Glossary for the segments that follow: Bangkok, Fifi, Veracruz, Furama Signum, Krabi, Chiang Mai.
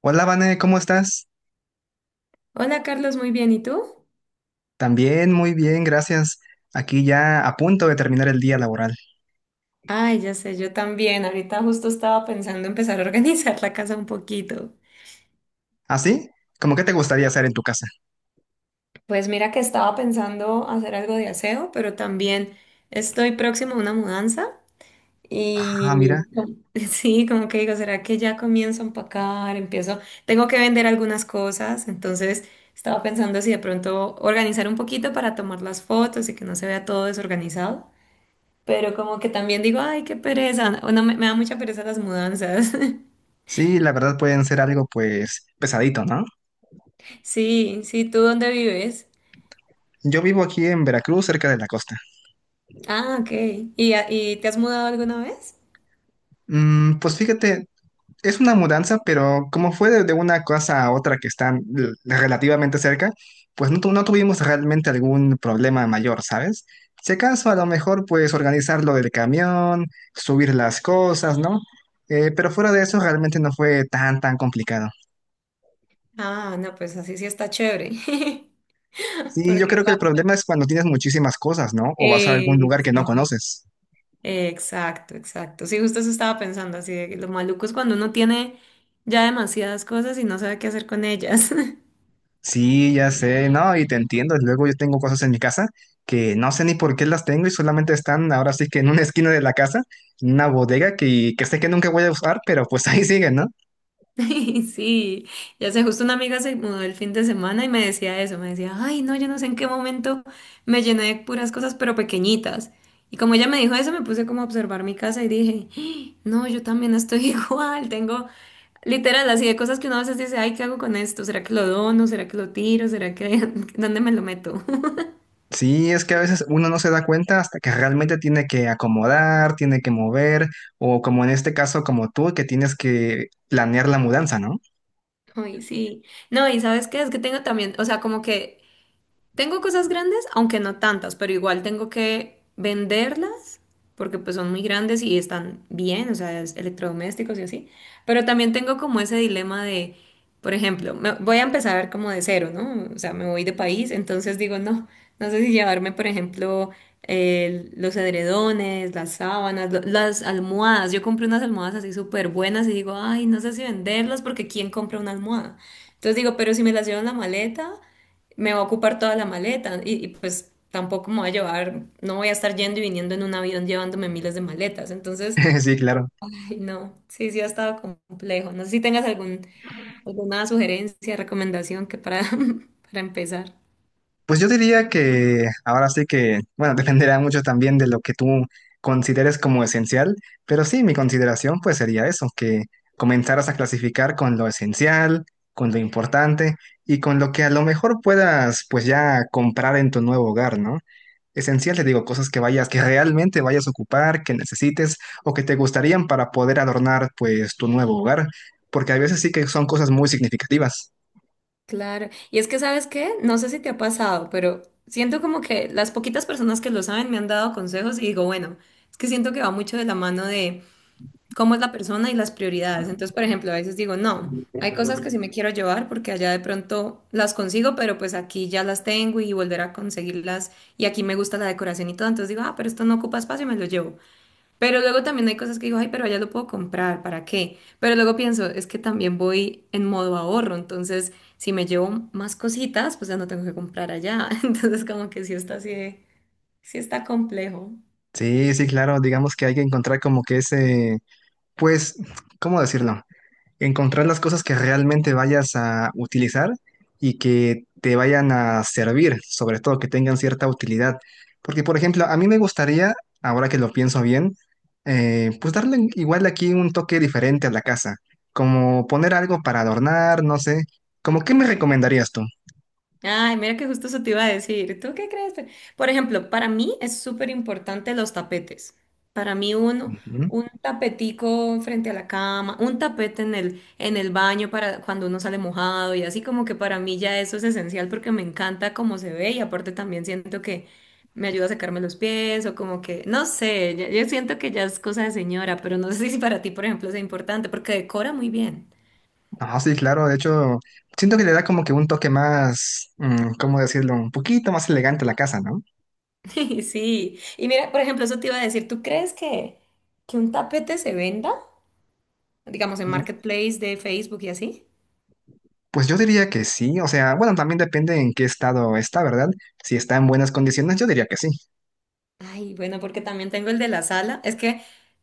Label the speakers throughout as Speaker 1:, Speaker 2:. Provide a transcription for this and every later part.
Speaker 1: Hola, Vane, ¿cómo estás?
Speaker 2: Hola Carlos, muy bien, ¿y tú?
Speaker 1: También muy bien, gracias. Aquí ya a punto de terminar el día laboral.
Speaker 2: Ay, ya sé, yo también. Ahorita justo estaba pensando empezar a organizar la casa un poquito.
Speaker 1: ¿Ah, sí? ¿Cómo que te gustaría hacer en tu casa?
Speaker 2: Pues mira que estaba pensando hacer algo de aseo, pero también estoy próximo a una mudanza
Speaker 1: Ah, mira.
Speaker 2: y sí, como que digo, ¿será que ya comienzo a empacar? Empiezo, tengo que vender algunas cosas, entonces estaba pensando si de pronto organizar un poquito para tomar las fotos y que no se vea todo desorganizado. Pero como que también digo, ay, qué pereza, o no, me da mucha pereza las mudanzas.
Speaker 1: Sí, la verdad pueden ser algo pues pesadito, ¿no?
Speaker 2: Sí, sí, ¿tú dónde vives?
Speaker 1: Yo vivo aquí en Veracruz, cerca de la costa.
Speaker 2: Ah, ok. ¿Y, y te has mudado alguna vez?
Speaker 1: Pues fíjate, es una mudanza, pero como fue de una cosa a otra que están relativamente cerca, pues no, no tuvimos realmente algún problema mayor, ¿sabes? Si acaso a lo mejor pues organizar lo del camión, subir las cosas, ¿no? Pero fuera de eso realmente no fue tan complicado.
Speaker 2: Ah, no, pues así sí está chévere.
Speaker 1: Sí, yo
Speaker 2: Porque
Speaker 1: creo que el
Speaker 2: claro.
Speaker 1: problema es cuando tienes muchísimas cosas, ¿no? O vas a algún
Speaker 2: Eh,
Speaker 1: lugar que no conoces.
Speaker 2: Exacto, exacto. Sí, justo eso estaba pensando, así de que lo maluco es cuando uno tiene ya demasiadas cosas y no sabe qué hacer con ellas.
Speaker 1: Sí, ya sé, no, y te entiendo. Luego yo tengo cosas en mi casa que no sé ni por qué las tengo y solamente están ahora sí que en una esquina de la casa, en una bodega que sé que nunca voy a usar, pero pues ahí siguen, ¿no?
Speaker 2: Sí, ya sé, justo una amiga se mudó el fin de semana y me decía eso, me decía, ay, no, yo no sé en qué momento me llené de puras cosas, pero pequeñitas. Y como ella me dijo eso, me puse como a observar mi casa y dije, "Ah, no, yo también estoy igual, tengo literal así de cosas que uno a veces dice, ay, ¿qué hago con esto? ¿Será que lo dono? ¿Será que lo tiro? ¿Será que dónde me lo meto?"
Speaker 1: Sí, es que a veces uno no se da cuenta hasta que realmente tiene que acomodar, tiene que mover, o como en este caso, como tú, que tienes que planear la mudanza, ¿no?
Speaker 2: Ay, sí. No, y sabes qué, es que tengo también, o sea, como que tengo cosas grandes, aunque no tantas, pero igual tengo que venderlas porque pues son muy grandes y están bien, o sea, es electrodomésticos y así. Pero también tengo como ese dilema de, por ejemplo, voy a empezar como de cero, ¿no? O sea, me voy de país, entonces digo, no, no sé si llevarme, por ejemplo, los edredones, las sábanas, las almohadas. Yo compré unas almohadas así súper buenas y digo, ay, no sé si venderlas porque ¿quién compra una almohada? Entonces digo, pero si me las llevo en la maleta me va a ocupar toda la maleta y pues tampoco me voy a llevar, no voy a estar yendo y viniendo en un avión llevándome miles de maletas. Entonces,
Speaker 1: Sí, claro.
Speaker 2: ay, no, sí, sí ha estado complejo. No sé si tengas alguna sugerencia, recomendación que para, para empezar.
Speaker 1: Pues yo diría que ahora sí que, bueno, dependerá mucho también de lo que tú consideres como esencial, pero sí, mi consideración pues sería eso, que comenzaras a clasificar con lo esencial, con lo importante y con lo que a lo mejor puedas pues ya comprar en tu nuevo hogar, ¿no? Esencial, te digo, cosas que vayas, que realmente vayas a ocupar, que necesites o que te gustarían para poder adornar pues tu nuevo hogar, porque a veces sí que son cosas muy significativas.
Speaker 2: Claro, y es que sabes qué, no sé si te ha pasado, pero siento como que las poquitas personas que lo saben me han dado consejos y digo, bueno, es que siento que va mucho de la mano de cómo es la persona y las prioridades. Entonces, por ejemplo, a veces digo, no, hay cosas que sí me quiero llevar porque allá de pronto las consigo, pero pues aquí ya las tengo y volver a conseguirlas y aquí me gusta la decoración y todo. Entonces digo, ah, pero esto no ocupa espacio y me lo llevo. Pero luego también hay cosas que digo, ay, pero allá lo puedo comprar, ¿para qué? Pero luego pienso, es que también voy en modo ahorro, entonces si me llevo más cositas, pues ya no tengo que comprar allá. Entonces como que sí está así, sí está complejo.
Speaker 1: Sí, sí, claro, digamos que hay que encontrar como que ese pues, ¿cómo decirlo? Encontrar las cosas que realmente vayas a utilizar y que te vayan a servir, sobre todo que tengan cierta utilidad. Porque, por ejemplo, a mí me gustaría, ahora que lo pienso bien, pues darle igual aquí un toque diferente a la casa, como poner algo para adornar, no sé. ¿Cómo qué me recomendarías tú?
Speaker 2: Ay, mira que justo eso te iba a decir. ¿Tú qué crees? Por ejemplo, para mí es súper importante los tapetes. Para mí un,
Speaker 1: Ujú.
Speaker 2: un tapetico frente a la cama, un tapete en en el baño para cuando uno sale mojado y así como que para mí ya eso es esencial porque me encanta cómo se ve y aparte también siento que me ayuda a secarme los pies o como que, no sé, yo siento que ya es cosa de señora, pero no sé si para ti, por ejemplo, es importante porque decora muy bien.
Speaker 1: Ah, sí, claro, de hecho, siento que le da como que un toque más, mm, ¿cómo decirlo? Un poquito más elegante a la casa, ¿no?
Speaker 2: Sí, y mira, por ejemplo, eso te iba a decir, que un tapete se venda? Digamos, en Marketplace de Facebook y así.
Speaker 1: Pues yo diría que sí, o sea, bueno, también depende en qué estado está, ¿verdad? Si está en buenas condiciones, yo diría que sí.
Speaker 2: Ay, bueno, porque también tengo el de la sala. Es que,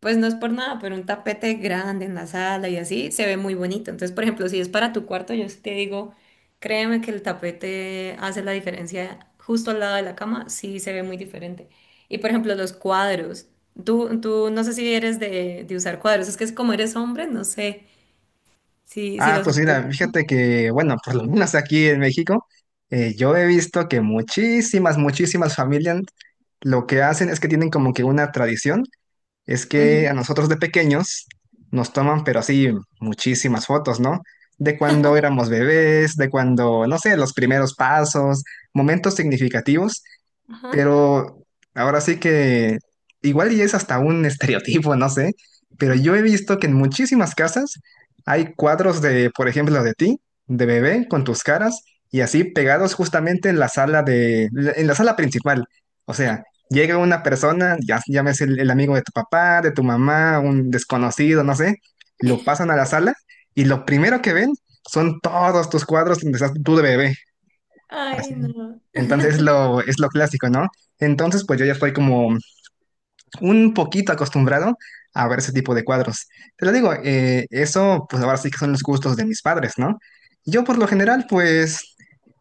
Speaker 2: pues no es por nada, pero un tapete grande en la sala y así se ve muy bonito. Entonces, por ejemplo, si es para tu cuarto, yo sí te digo, créeme que el tapete hace la diferencia justo al lado de la cama, sí se ve muy diferente. Y por ejemplo, los cuadros. Tú no sé si eres de usar cuadros, es que es como eres hombre, no sé. Si
Speaker 1: Ah,
Speaker 2: los
Speaker 1: pues
Speaker 2: hombres.
Speaker 1: mira, fíjate que, bueno, por lo menos aquí en México, yo he visto que muchísimas familias lo que hacen es que tienen como que una tradición, es que a
Speaker 2: Ujú.
Speaker 1: nosotros de pequeños nos toman, pero así, muchísimas fotos, ¿no? De cuando éramos bebés, de cuando, no sé, los primeros pasos, momentos significativos.
Speaker 2: Ajá.
Speaker 1: Pero ahora sí que igual y es hasta un estereotipo, no sé, pero yo he visto que en muchísimas casas hay cuadros de, por ejemplo, de ti, de bebé, con tus caras y así pegados justamente en la sala en la sala principal. O sea, llega una persona, ya llames el amigo de tu papá, de tu mamá, un desconocido, no sé, lo pasan a la sala y lo primero que ven son todos tus cuadros donde estás tú de bebé. Así.
Speaker 2: Ay, no.
Speaker 1: Entonces es es lo clásico, ¿no? Entonces, pues yo ya estoy como un poquito acostumbrado a ver ese tipo de cuadros. Te lo digo, eso, pues ahora sí que son los gustos de mis padres, ¿no? Yo por lo general, pues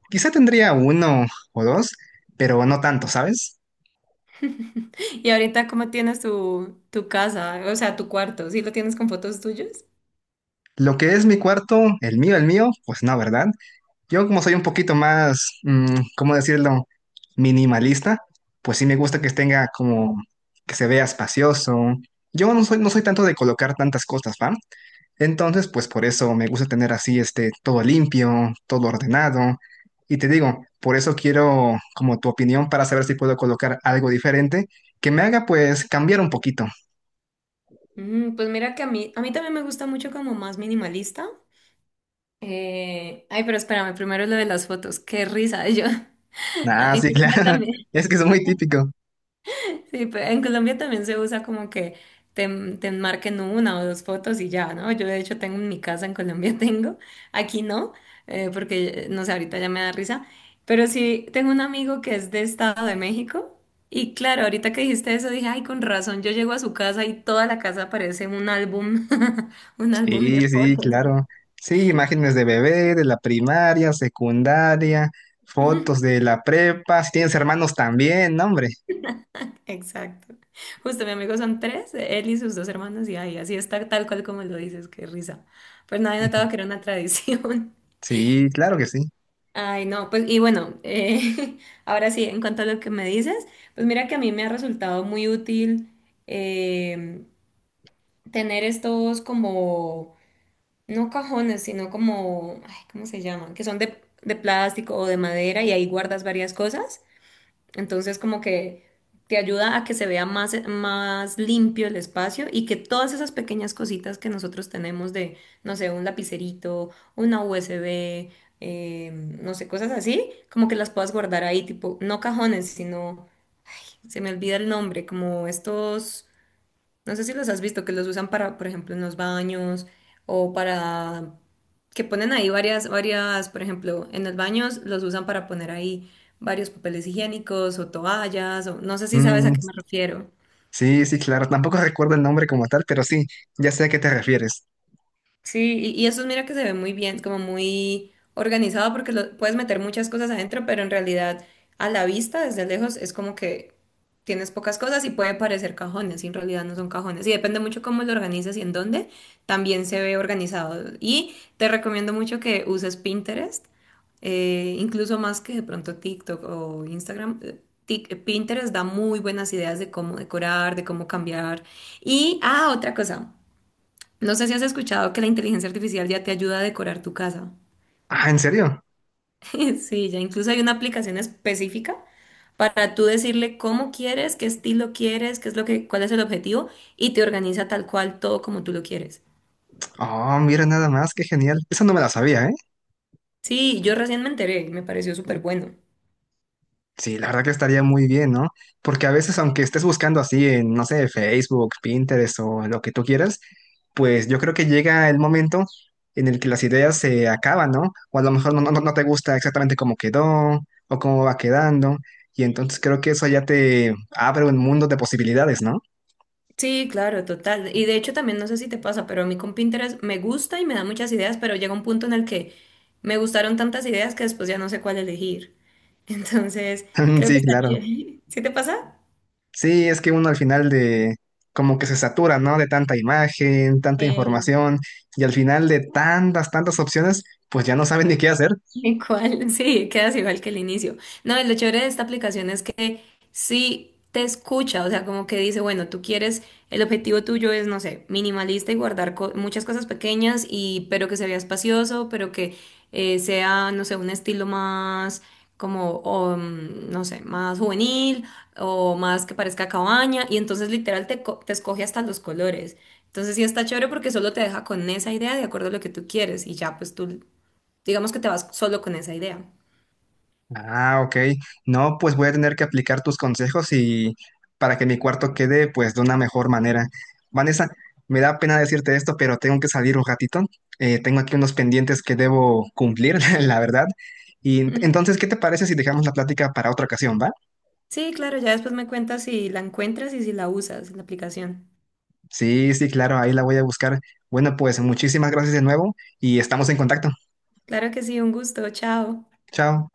Speaker 1: quizá tendría uno o dos, pero no tanto, ¿sabes?
Speaker 2: Y ahorita, ¿cómo tienes tu casa? O sea, tu cuarto. ¿Sí lo tienes con fotos tuyas?
Speaker 1: Lo que es mi cuarto, el mío, pues no, ¿verdad? Yo como soy un poquito más, mm, ¿cómo decirlo? Minimalista, pues sí me gusta que tenga como que se vea espacioso. Yo no soy, no soy tanto de colocar tantas cosas, ¿va? Entonces, pues por eso me gusta tener así este todo limpio, todo ordenado. Y te digo, por eso quiero como tu opinión para saber si puedo colocar algo diferente que me haga pues cambiar un poquito.
Speaker 2: Mm, pues mira que a mí también me gusta mucho como más minimalista. Ay, pero espérame, primero lo de las fotos. Qué risa, yo.
Speaker 1: Ah,
Speaker 2: Ay,
Speaker 1: sí,
Speaker 2: niña
Speaker 1: claro.
Speaker 2: también.
Speaker 1: Es que es muy típico.
Speaker 2: Sí, en Colombia también se usa como que te, te marquen una o dos fotos y ya, ¿no? Yo de hecho tengo en mi casa, en Colombia tengo, aquí no, porque no sé, ahorita ya me da risa, pero sí tengo un amigo que es de Estado de México y claro, ahorita que dijiste eso dije, ay, con razón, yo llego a su casa y toda la casa parece un álbum, un álbum de
Speaker 1: Sí, sí,
Speaker 2: fotos.
Speaker 1: claro. Sí, imágenes de bebé, de la primaria, secundaria, fotos de la prepa, si tienes hermanos también, ¿no, hombre?
Speaker 2: Exacto. Justo, mi amigo son tres, él y sus dos hermanos, y ahí así está tal cual como lo dices, qué risa. Pues nadie
Speaker 1: Ujú.
Speaker 2: notaba que era una tradición.
Speaker 1: Sí, claro que sí.
Speaker 2: Ay, no, pues y bueno, ahora sí, en cuanto a lo que me dices, pues mira que a mí me ha resultado muy útil em, tener estos como, no cajones, sino como, ay, ¿cómo se llaman? Que son de plástico o de madera y ahí guardas varias cosas. Entonces, como que te ayuda a que se vea más limpio el espacio y que todas esas pequeñas cositas que nosotros tenemos de, no sé, un lapicerito, una USB, eh, no sé, cosas así, como que las puedas guardar ahí, tipo, no cajones, sino, se me olvida el nombre, como estos no sé si los has visto, que los usan para, por ejemplo, en los baños o para que ponen ahí varias, por ejemplo, en los baños los usan para poner ahí varios papeles higiénicos o toallas, o no sé si sabes a
Speaker 1: Mm,
Speaker 2: qué me refiero.
Speaker 1: sí, sí, claro. Tampoco recuerdo el nombre como tal, pero sí, ya sé a qué te refieres.
Speaker 2: Sí, y eso mira que se ve muy bien, como muy organizado porque lo, puedes meter muchas cosas adentro, pero en realidad a la vista, desde lejos, es como que tienes pocas cosas y puede parecer cajones, y en realidad no son cajones. Y depende mucho cómo lo organizas y en dónde, también se ve organizado. Y te recomiendo mucho que uses Pinterest, incluso más que de pronto TikTok o Instagram. Pinterest da muy buenas ideas de cómo decorar, de cómo cambiar. Y, ah, otra cosa. No sé si has escuchado que la inteligencia artificial ya te ayuda a decorar tu casa.
Speaker 1: Ah, ¿en serio?
Speaker 2: Sí, ya incluso hay una aplicación específica para tú decirle cómo quieres, qué estilo quieres, qué es lo que, cuál es el objetivo y te organiza tal cual todo como tú lo quieres.
Speaker 1: Oh, mira nada más, qué genial. Eso no me la sabía, ¿eh?
Speaker 2: Sí, yo recién me enteré, me pareció súper bueno.
Speaker 1: Sí, la verdad que estaría muy bien, ¿no? Porque a veces, aunque estés buscando así en, no sé, Facebook, Pinterest o lo que tú quieras, pues yo creo que llega el momento en el que las ideas se acaban, ¿no? O a lo mejor no te gusta exactamente cómo quedó o cómo va quedando. Y entonces creo que eso ya te abre un mundo de posibilidades, ¿no?
Speaker 2: Sí, claro, total. Y de hecho también no sé si te pasa, pero a mí con Pinterest me gusta y me da muchas ideas, pero llega un punto en el que me gustaron tantas ideas que después ya no sé cuál elegir. Entonces, creo que
Speaker 1: Sí,
Speaker 2: está
Speaker 1: claro.
Speaker 2: chévere. ¿Sí te pasa?
Speaker 1: Sí, es que uno al final de, como que se satura, ¿no? De tanta imagen, tanta información, y al final de tantas opciones, pues ya no saben ni qué hacer.
Speaker 2: Igual, sí, quedas igual que el inicio. No, y lo chévere de esta aplicación es que sí te escucha, o sea, como que dice, bueno, tú quieres, el objetivo tuyo es, no sé, minimalista y guardar muchas cosas pequeñas pero que se vea espacioso, pero que sea, no sé, un estilo más como, no sé, más juvenil o más que parezca cabaña y entonces literal te escoge hasta los colores. Entonces sí está chévere porque solo te deja con esa idea de acuerdo a lo que tú quieres y ya pues tú digamos que te vas solo con esa idea.
Speaker 1: Ah, ok. No, pues voy a tener que aplicar tus consejos y para que mi cuarto quede pues de una mejor manera. Vanessa, me da pena decirte esto, pero tengo que salir un ratito. Tengo aquí unos pendientes que debo cumplir, la verdad. Y
Speaker 2: Ujú.
Speaker 1: entonces, ¿qué te parece si dejamos la plática para otra ocasión, va?
Speaker 2: Sí, claro, ya después me cuentas si la encuentras y si la usas, la aplicación.
Speaker 1: Sí, sí, claro, ahí la voy a buscar. Bueno, pues muchísimas gracias de nuevo y estamos en contacto.
Speaker 2: Claro que sí, un gusto, chao.
Speaker 1: Chao.